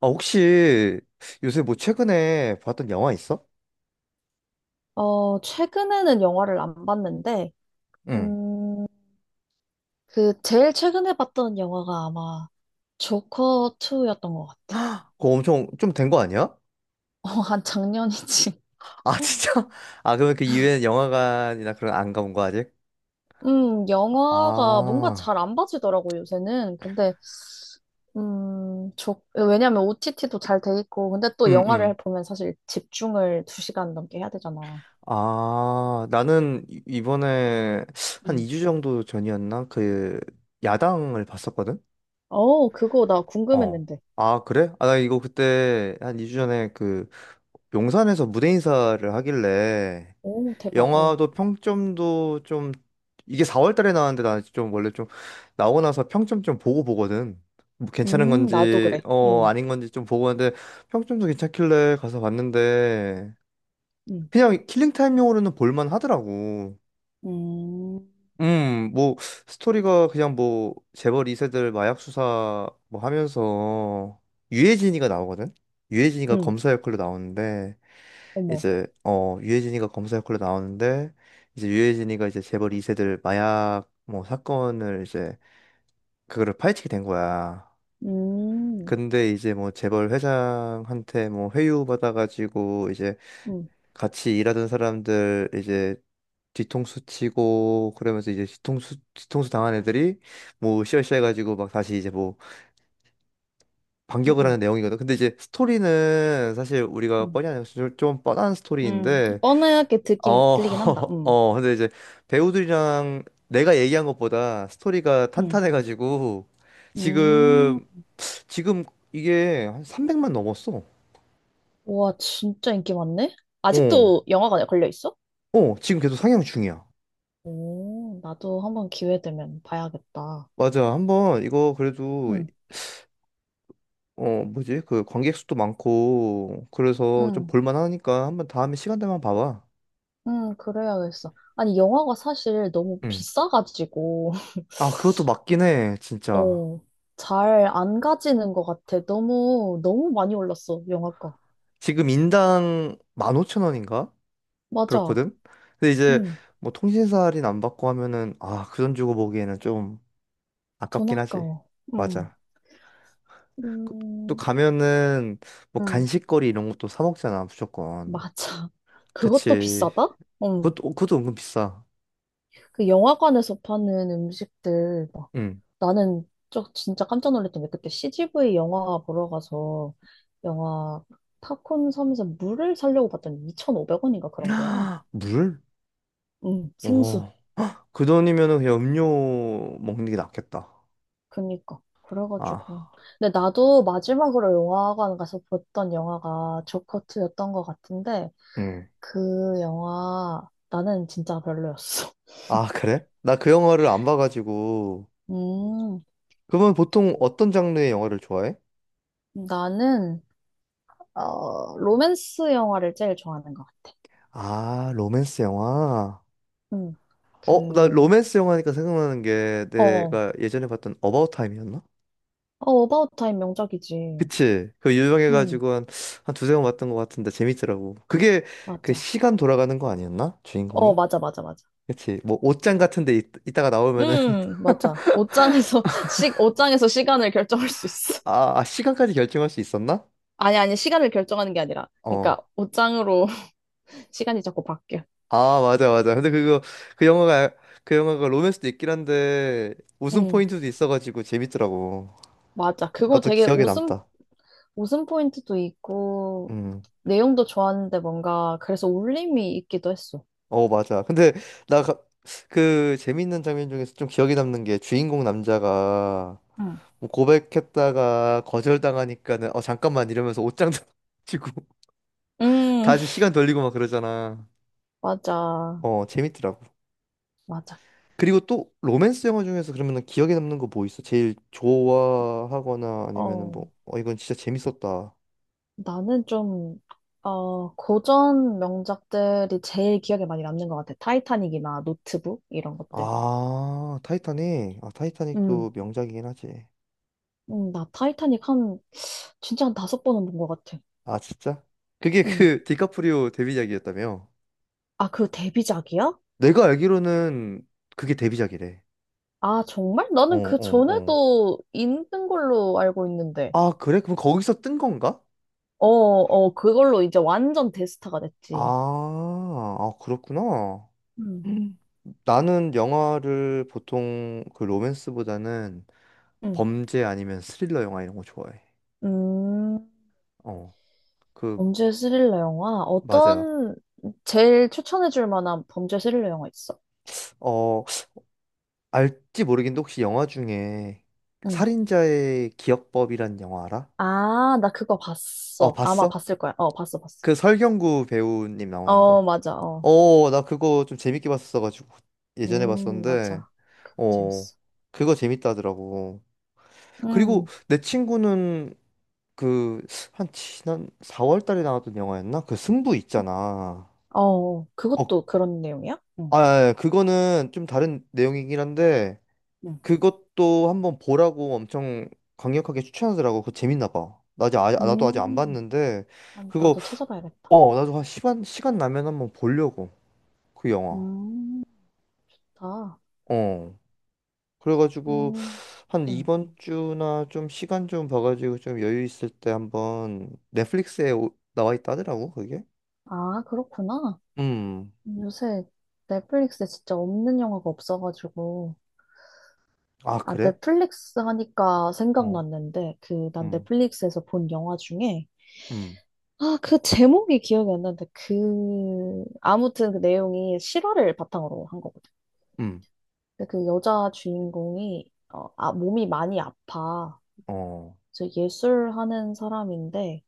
아, 혹시 요새 뭐 최근에 봤던 영화 있어? 어, 최근에는 영화를 안 봤는데. 응. 음, 제일 최근에 봤던 영화가 아마 조커 2였던 것 같아. 그거 엄청 좀 된 거 아니야? 어, 한 작년이지. 아, 진짜? 아, 그러면 그 이후에는 영화관이나 그런 안 가본 거 아직? 영화가 뭔가 아, 잘 안 봐지더라고, 요새는. 왜냐면 OTT도 잘 돼 있고, 근데 또 응, 응. 영화를 보면 사실 집중을 두 시간 넘게 해야 되잖아. 아, 나는 이번에 한 음. 2주 정도 전이었나? 그 야당을 봤었거든? 어, 그거 나 어. 궁금했는데. 아, 그래? 아, 나 이거 그때 한 2주 전에 그 용산에서 무대 인사를 하길래 오, 대박. 어. 영화도 평점도 좀, 이게 4월 달에 나왔는데, 나 좀 원래 좀 나오고 나서 평점 좀 보고 보거든. 뭐 괜찮은 나도 건지 그래. 어 음. 아닌 건지 좀 보고 하는데, 평점도 괜찮길래 가서 봤는데 음. 그냥 킬링 타임용으로는 볼만 하더라고. 음. 뭐 스토리가 그냥 뭐 재벌 2세들 마약 수사 뭐 하면서 유해진이가 나오거든. 유해진이가 음. 검사 역할로 나오는데, 어머. 이제 어 유해진이가 검사 역할로 나오는데, 이제 유해진이가 이제 재벌 2세들 마약 뭐 사건을 이제 그거를 파헤치게 된 거야. 음. 근데 이제 뭐 재벌 회장한테 뭐 회유 받아가지고 이제 음. 같이 일하던 사람들 이제 뒤통수 치고 그러면서 이제 뒤통수 당한 애들이 뭐 으쌰으쌰 해가지고 막 다시 이제 뭐 음. 반격을 하는 음. 내용이거든. 근데 이제 스토리는 사실 우리가 음. 뻔히 아는 좀 뻔한 음. 스토리인데, 뻔하게 어, 듣긴, 들리긴 한다. 음. 어, 근데 이제 배우들이랑 내가 얘기한 것보다 스토리가 음. 탄탄해가지고 음. 지금, 지금 이게 한 300만 넘었어. 와, 진짜 인기 많네? 어, 아직도 영화관에 걸려 있어? 어, 지금 계속 상향 중이야. 오, 나도 한번 기회 되면 봐야겠다. 맞아. 한번 이거 그래도, 응. 어, 뭐지? 그 관객 수도 많고, 그래서 좀 응. 볼만하니까 한번 다음에 시간 되면 봐봐. 응, 그래야겠어. 아니, 영화가 사실 너무 응. 비싸가지고. 아, 그것도 맞긴 해, 진짜. 어, 잘 안 가지는 것 같아. 너무, 너무 많이 올랐어, 영화가. 지금 인당 15,000원인가? 맞아. 그렇거든. 근데 이제 응, 뭐 통신사 할인 안 받고 하면은, 아, 그 돈 주고 보기에는 좀 돈 아깝긴 하지. 아까워. 응. 맞아. 그- 또 음. 가면은 뭐 응. 간식거리 이런 것도 사 먹잖아, 무조건. 맞아. 그것도 그치. 비싸다? 응. 그것도 어, 그것도 은근 비싸. 그 영화관에서 파는 음식들, 막. 응. 나는 저 진짜 깜짝 놀랐던 게 그때 CGV 영화 보러 가서 영화 팝콘 섬에서 물을 사려고 봤더니 2,500원인가 그런 거야. 물? 응, 오. 생수. 그 돈이면은 그냥 음료 먹는 게 낫겠다. 그니까. 아. 그래가지고. 근데 나도 마지막으로 영화관 가서 봤던 영화가 조커2였던 것 같은데 응. 그 영화 나는 진짜 별로였어. 아, 그래? 나 그 영화를 안 봐가지고. 음, 그러면 보통 어떤 장르의 영화를 좋아해? 나는 어, 로맨스 영화를 제일 좋아하는 것 같아. 아, 로맨스 영화? 음, 어, 나 그, 로맨스 영화니까 생각나는 게 어, 어, 내가 예전에 봤던 어바웃 타임이었나? 어바웃 타임 명작이지. 그치? 그 음, 유명해가지고 한, 한 두세 번 봤던 것 같은데 재밌더라고. 그게 그 맞아. 시간 돌아가는 거 아니었나? 어, 주인공이? 맞아, 맞아, 맞아. 그치? 뭐 옷장 같은 데 있, 이따가 나오면은 맞아. 옷장에서, 시, 옷장에서 시간을 결정할 수 있어. 아, 아, 시간까지 결정할 수 있었나? 아니, 아니, 시간을 결정하는 게 아니라. 그러니까, 어. 옷장으로 시간이 자꾸 바뀌어. 아, 맞아, 맞아. 근데 그거, 그 영화가 그 영화가 로맨스도 있긴 한데 웃음 음, 포인트도 있어가지고 재밌더라고. 맞아. 그거 나도 되게 기억에 웃음, 남다. 웃음 포인트도 있고, 음. 내용도 좋았는데 뭔가, 그래서 울림이 있기도 했어. 어, 맞아. 근데 나 그 재밌는 장면 중에서 좀 기억에 남는 게, 주인공 남자가 음. 뭐 고백했다가 거절당하니까는 어 잠깐만 이러면서 옷장 지고 음. 다시 시간 돌리고 막 그러잖아. 맞아. 어, 재밌더라고. 맞아. 그리고 또 로맨스 영화 중에서 그러면은 기억에 남는 거 뭐 있어? 제일 좋아하거나 아니면은 어, 뭐 어 이건 진짜 재밌었다. 나는 좀, 어, 고전 명작들이 제일 기억에 많이 남는 것 같아. 타이타닉이나 노트북, 이런 것들. 아, 타이타닉. 아, 음. 타이타닉도 명작이긴 하지. 나 타이타닉 한, 진짜 한 다섯 번은 본 것 같아. 아, 진짜? 그게 음. 그 디카프리오 데뷔작이었다며? 아, 그 데뷔작이야? 내가 알기로는 그게 데뷔작이래. 아, 정말? 어, 나는 그 어, 어. 전에도 있는 걸로 알고 있는데. 아, 그래? 그럼 거기서 뜬 건가? 어, 어, 그걸로 이제 완전 대스타가 아, 됐지. 아, 그렇구나. 음. 음. 나는 영화를 보통 그 로맨스보다는 음. 범죄 아니면 스릴러 영화 이런 거 좋아해. 음, 어, 그, 범죄 스릴러 영화? 맞아. 어떤, 제일 추천해줄 만한 범죄 스릴러 영화 있어? 어, 알지 모르겠는데, 혹시 영화 중에 응. 살인자의 기억법이란 영화 알아? 아, 나 그거 어, 봤어. 아마 봤어? 봤을 거야. 어, 봤어, 봤어. 그 설경구 배우님 나오는 어, 거. 맞아. 어. 어, 나 그거 좀 재밌게 봤었어가지고 예전에 봤었는데, 맞아. 그거 어, 재밌어. 그거 재밌다더라고. 그리고 음. 내 친구는 그 한 지난 4월 달에 나왔던 영화였나? 그 승부 있잖아. 어, 어. 어, 그것도 그런 내용이야? 응, 아, 예, 그거는 좀 다른 내용이긴 한데, 응. 그것도 한번 보라고 엄청 강력하게 추천하더라고. 그거 재밌나 봐. 나 아직 아, 나도 아직 안 음. 봤는데, 아, 그거 나도 찾아봐야겠다. 어, 나도 한 시간 시간 나면 한번 보려고 그 영화. 음. 다. 어. 그래가지고 음. 한 응. 이번 주나 좀 시간 좀 봐가지고 좀 여유 있을 때 한번 넷플릭스에 나와 있다 하더라고 그게. 아, 그렇구나. 음. 요새 넷플릭스에 진짜 없는 영화가 없어가지고. 아 아, 그래? 넷플릭스 하니까 어. 생각났는데, 그, 난 음. 넷플릭스에서 본 영화 중에 음. 아, 그 제목이 기억이 안 나는데, 그, 아무튼 그 내용이 실화를 바탕으로 한 거거든. 음. 근데 그 여자 주인공이, 어, 아, 몸이 많이 아파. 어. 저 예술하는 사람인데,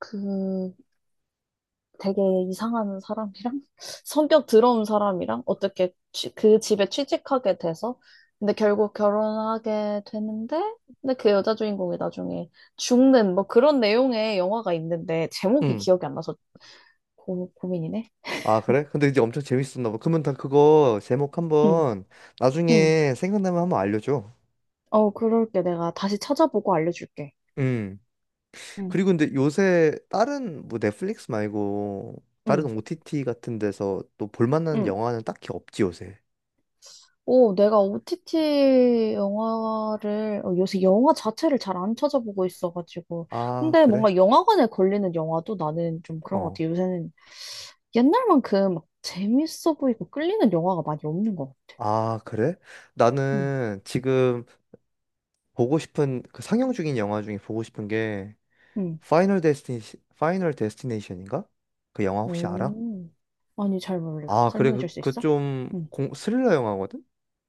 그 되게 이상한 사람이랑, 성격 더러운 사람이랑, 어떻게 취- 그 집에 취직하게 돼서, 근데 결국 결혼하게 되는데, 근데 그 여자 주인공이 나중에 죽는, 뭐 그런 내용의 영화가 있는데, 제목이 음. 기억이 안 나서 고, 고민이네. 아 그래? 근데 이제 엄청 재밌었나 봐. 그러면 다 그거 제목 응. 한번 응. 나중에 생각나면 한번 알려줘. 어, 그럴게. 내가 다시 찾아보고 알려줄게. 음. 응. 그리고 근데 요새 다른 뭐 넷플릭스 말고 응, 다른 OTT 같은 데서 또 볼만한 응. 영화는 딱히 없지 요새. 오, 내가 OTT 영화를, 어, 요새 영화 자체를 잘 안 찾아보고 있어가지고. 아 근데 그래? 뭔가 영화관에 걸리는 영화도 나는 좀 그런 것 어. 같아. 요새는 옛날만큼 막 재밌어 보이고 끌리는 영화가 많이 없는 것 같아. 아, 그래? 응, 나는 지금 보고 싶은 그 상영 중인 영화 중에 보고 싶은 게, 응. 파이널 데스티니, 파이널 데스티네이션인가? 그 영화 혹시 알아? 오, 아니, 잘 몰라. 아, 그래. 설명해 줄 그 수 그 있어? 좀 응. 스릴러 영화거든?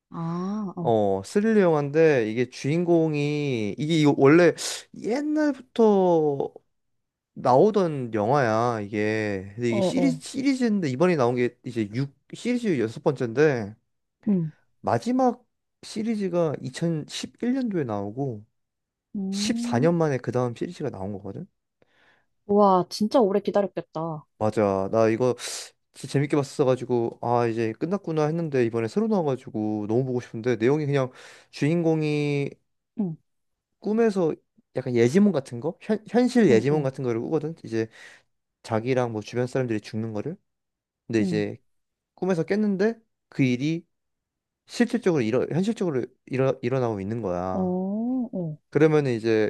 아, 어. 어, 스릴러 영화인데 이게 주인공이 이게 이거 원래 옛날부터 나오던 영화야, 이게. 근데 어, 이게 시리즈 어. 시리즈인데 이번에 나온 게 이제 육 시리즈 여섯 번째인데, 응. 마지막 시리즈가 2011년도에 나오고 음, 14년 만에 그 다음 시리즈가 나온 거거든? 우와, 진짜 오래 기다렸겠다. 맞아. 나 이거 진짜 재밌게 봤어가지고, 아, 이제 끝났구나 했는데, 이번에 새로 나와가지고 너무 보고 싶은데, 내용이 그냥 주인공이 응. 꿈에서 약간 예지몽 같은 거? 현, 현실 응, 예지몽 응. 같은 거를 꾸거든? 이제 자기랑 뭐 주변 사람들이 죽는 거를? 근데 응. 이제 꿈에서 깼는데, 그 일이 실질적으로 일어, 현실적으로 일어, 일어나고 있는 어, 거야. 어, 그러면 이제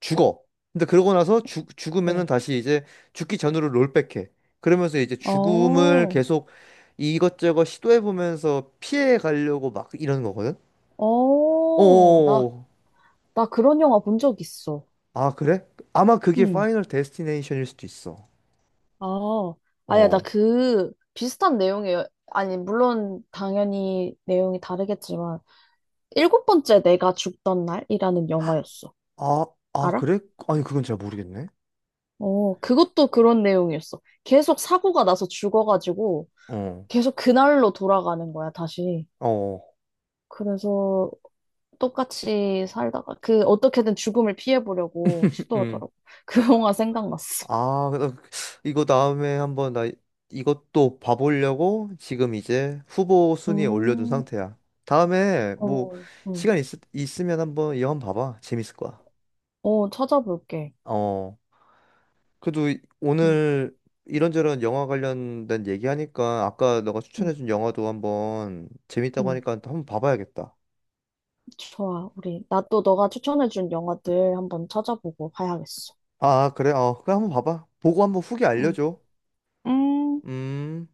죽어. 근데 그러고 나서 죽, 죽으면은 어. 다시 이제 죽기 전으로 롤백해. 그러면서 이제 죽음을 어, 계속 이것저것 시도해보면서 피해 가려고 막 이러는 거거든? 어. 나, 오, 나 그런 영화 본 적 있어. 아, 그래? 아마 그게 응. 파이널 데스티네이션일 수도 있어. 아, 아야, 나 어. 그, 비슷한 내용이에요. 아니, 물론, 당연히 내용이 다르겠지만, 7번째 내가 죽던 날이라는 영화였어. 아, 아, 알아? 그래? 아니, 그건 잘 모르겠네. 어, 그것도 그런 내용이었어. 계속 사고가 나서 죽어가지고, 어. 계속 그날로 돌아가는 거야, 다시. 어. 그래서, 똑같이 살다가 그 어떻게든 죽음을 피해보려고 음. 시도하더라고. 그 영화 생각났어. 아, 이거 다음에 한번 나 이것도 봐보려고 지금 이제 후보 순위에 올려둔 음. 상태야. 다음에 뭐 어. 음. 시간 있, 있으면 한번 이 영화 봐봐. 재밌을 거야. 어, 찾아볼게. 어. 그래도 응. 오늘 이런저런 영화 관련된 얘기하니까 아까 너가 응. 추천해준 영화도 한번 재밌다고 응. 하니까 또 한번 봐봐야겠다. 좋아. 우리, 나 또 너가 추천해준 영화들 한번 찾아보고 봐야겠어. 아, 그래? 어, 그럼 한번 봐봐. 보고 한번 후기 응. 알려줘. 음. 음.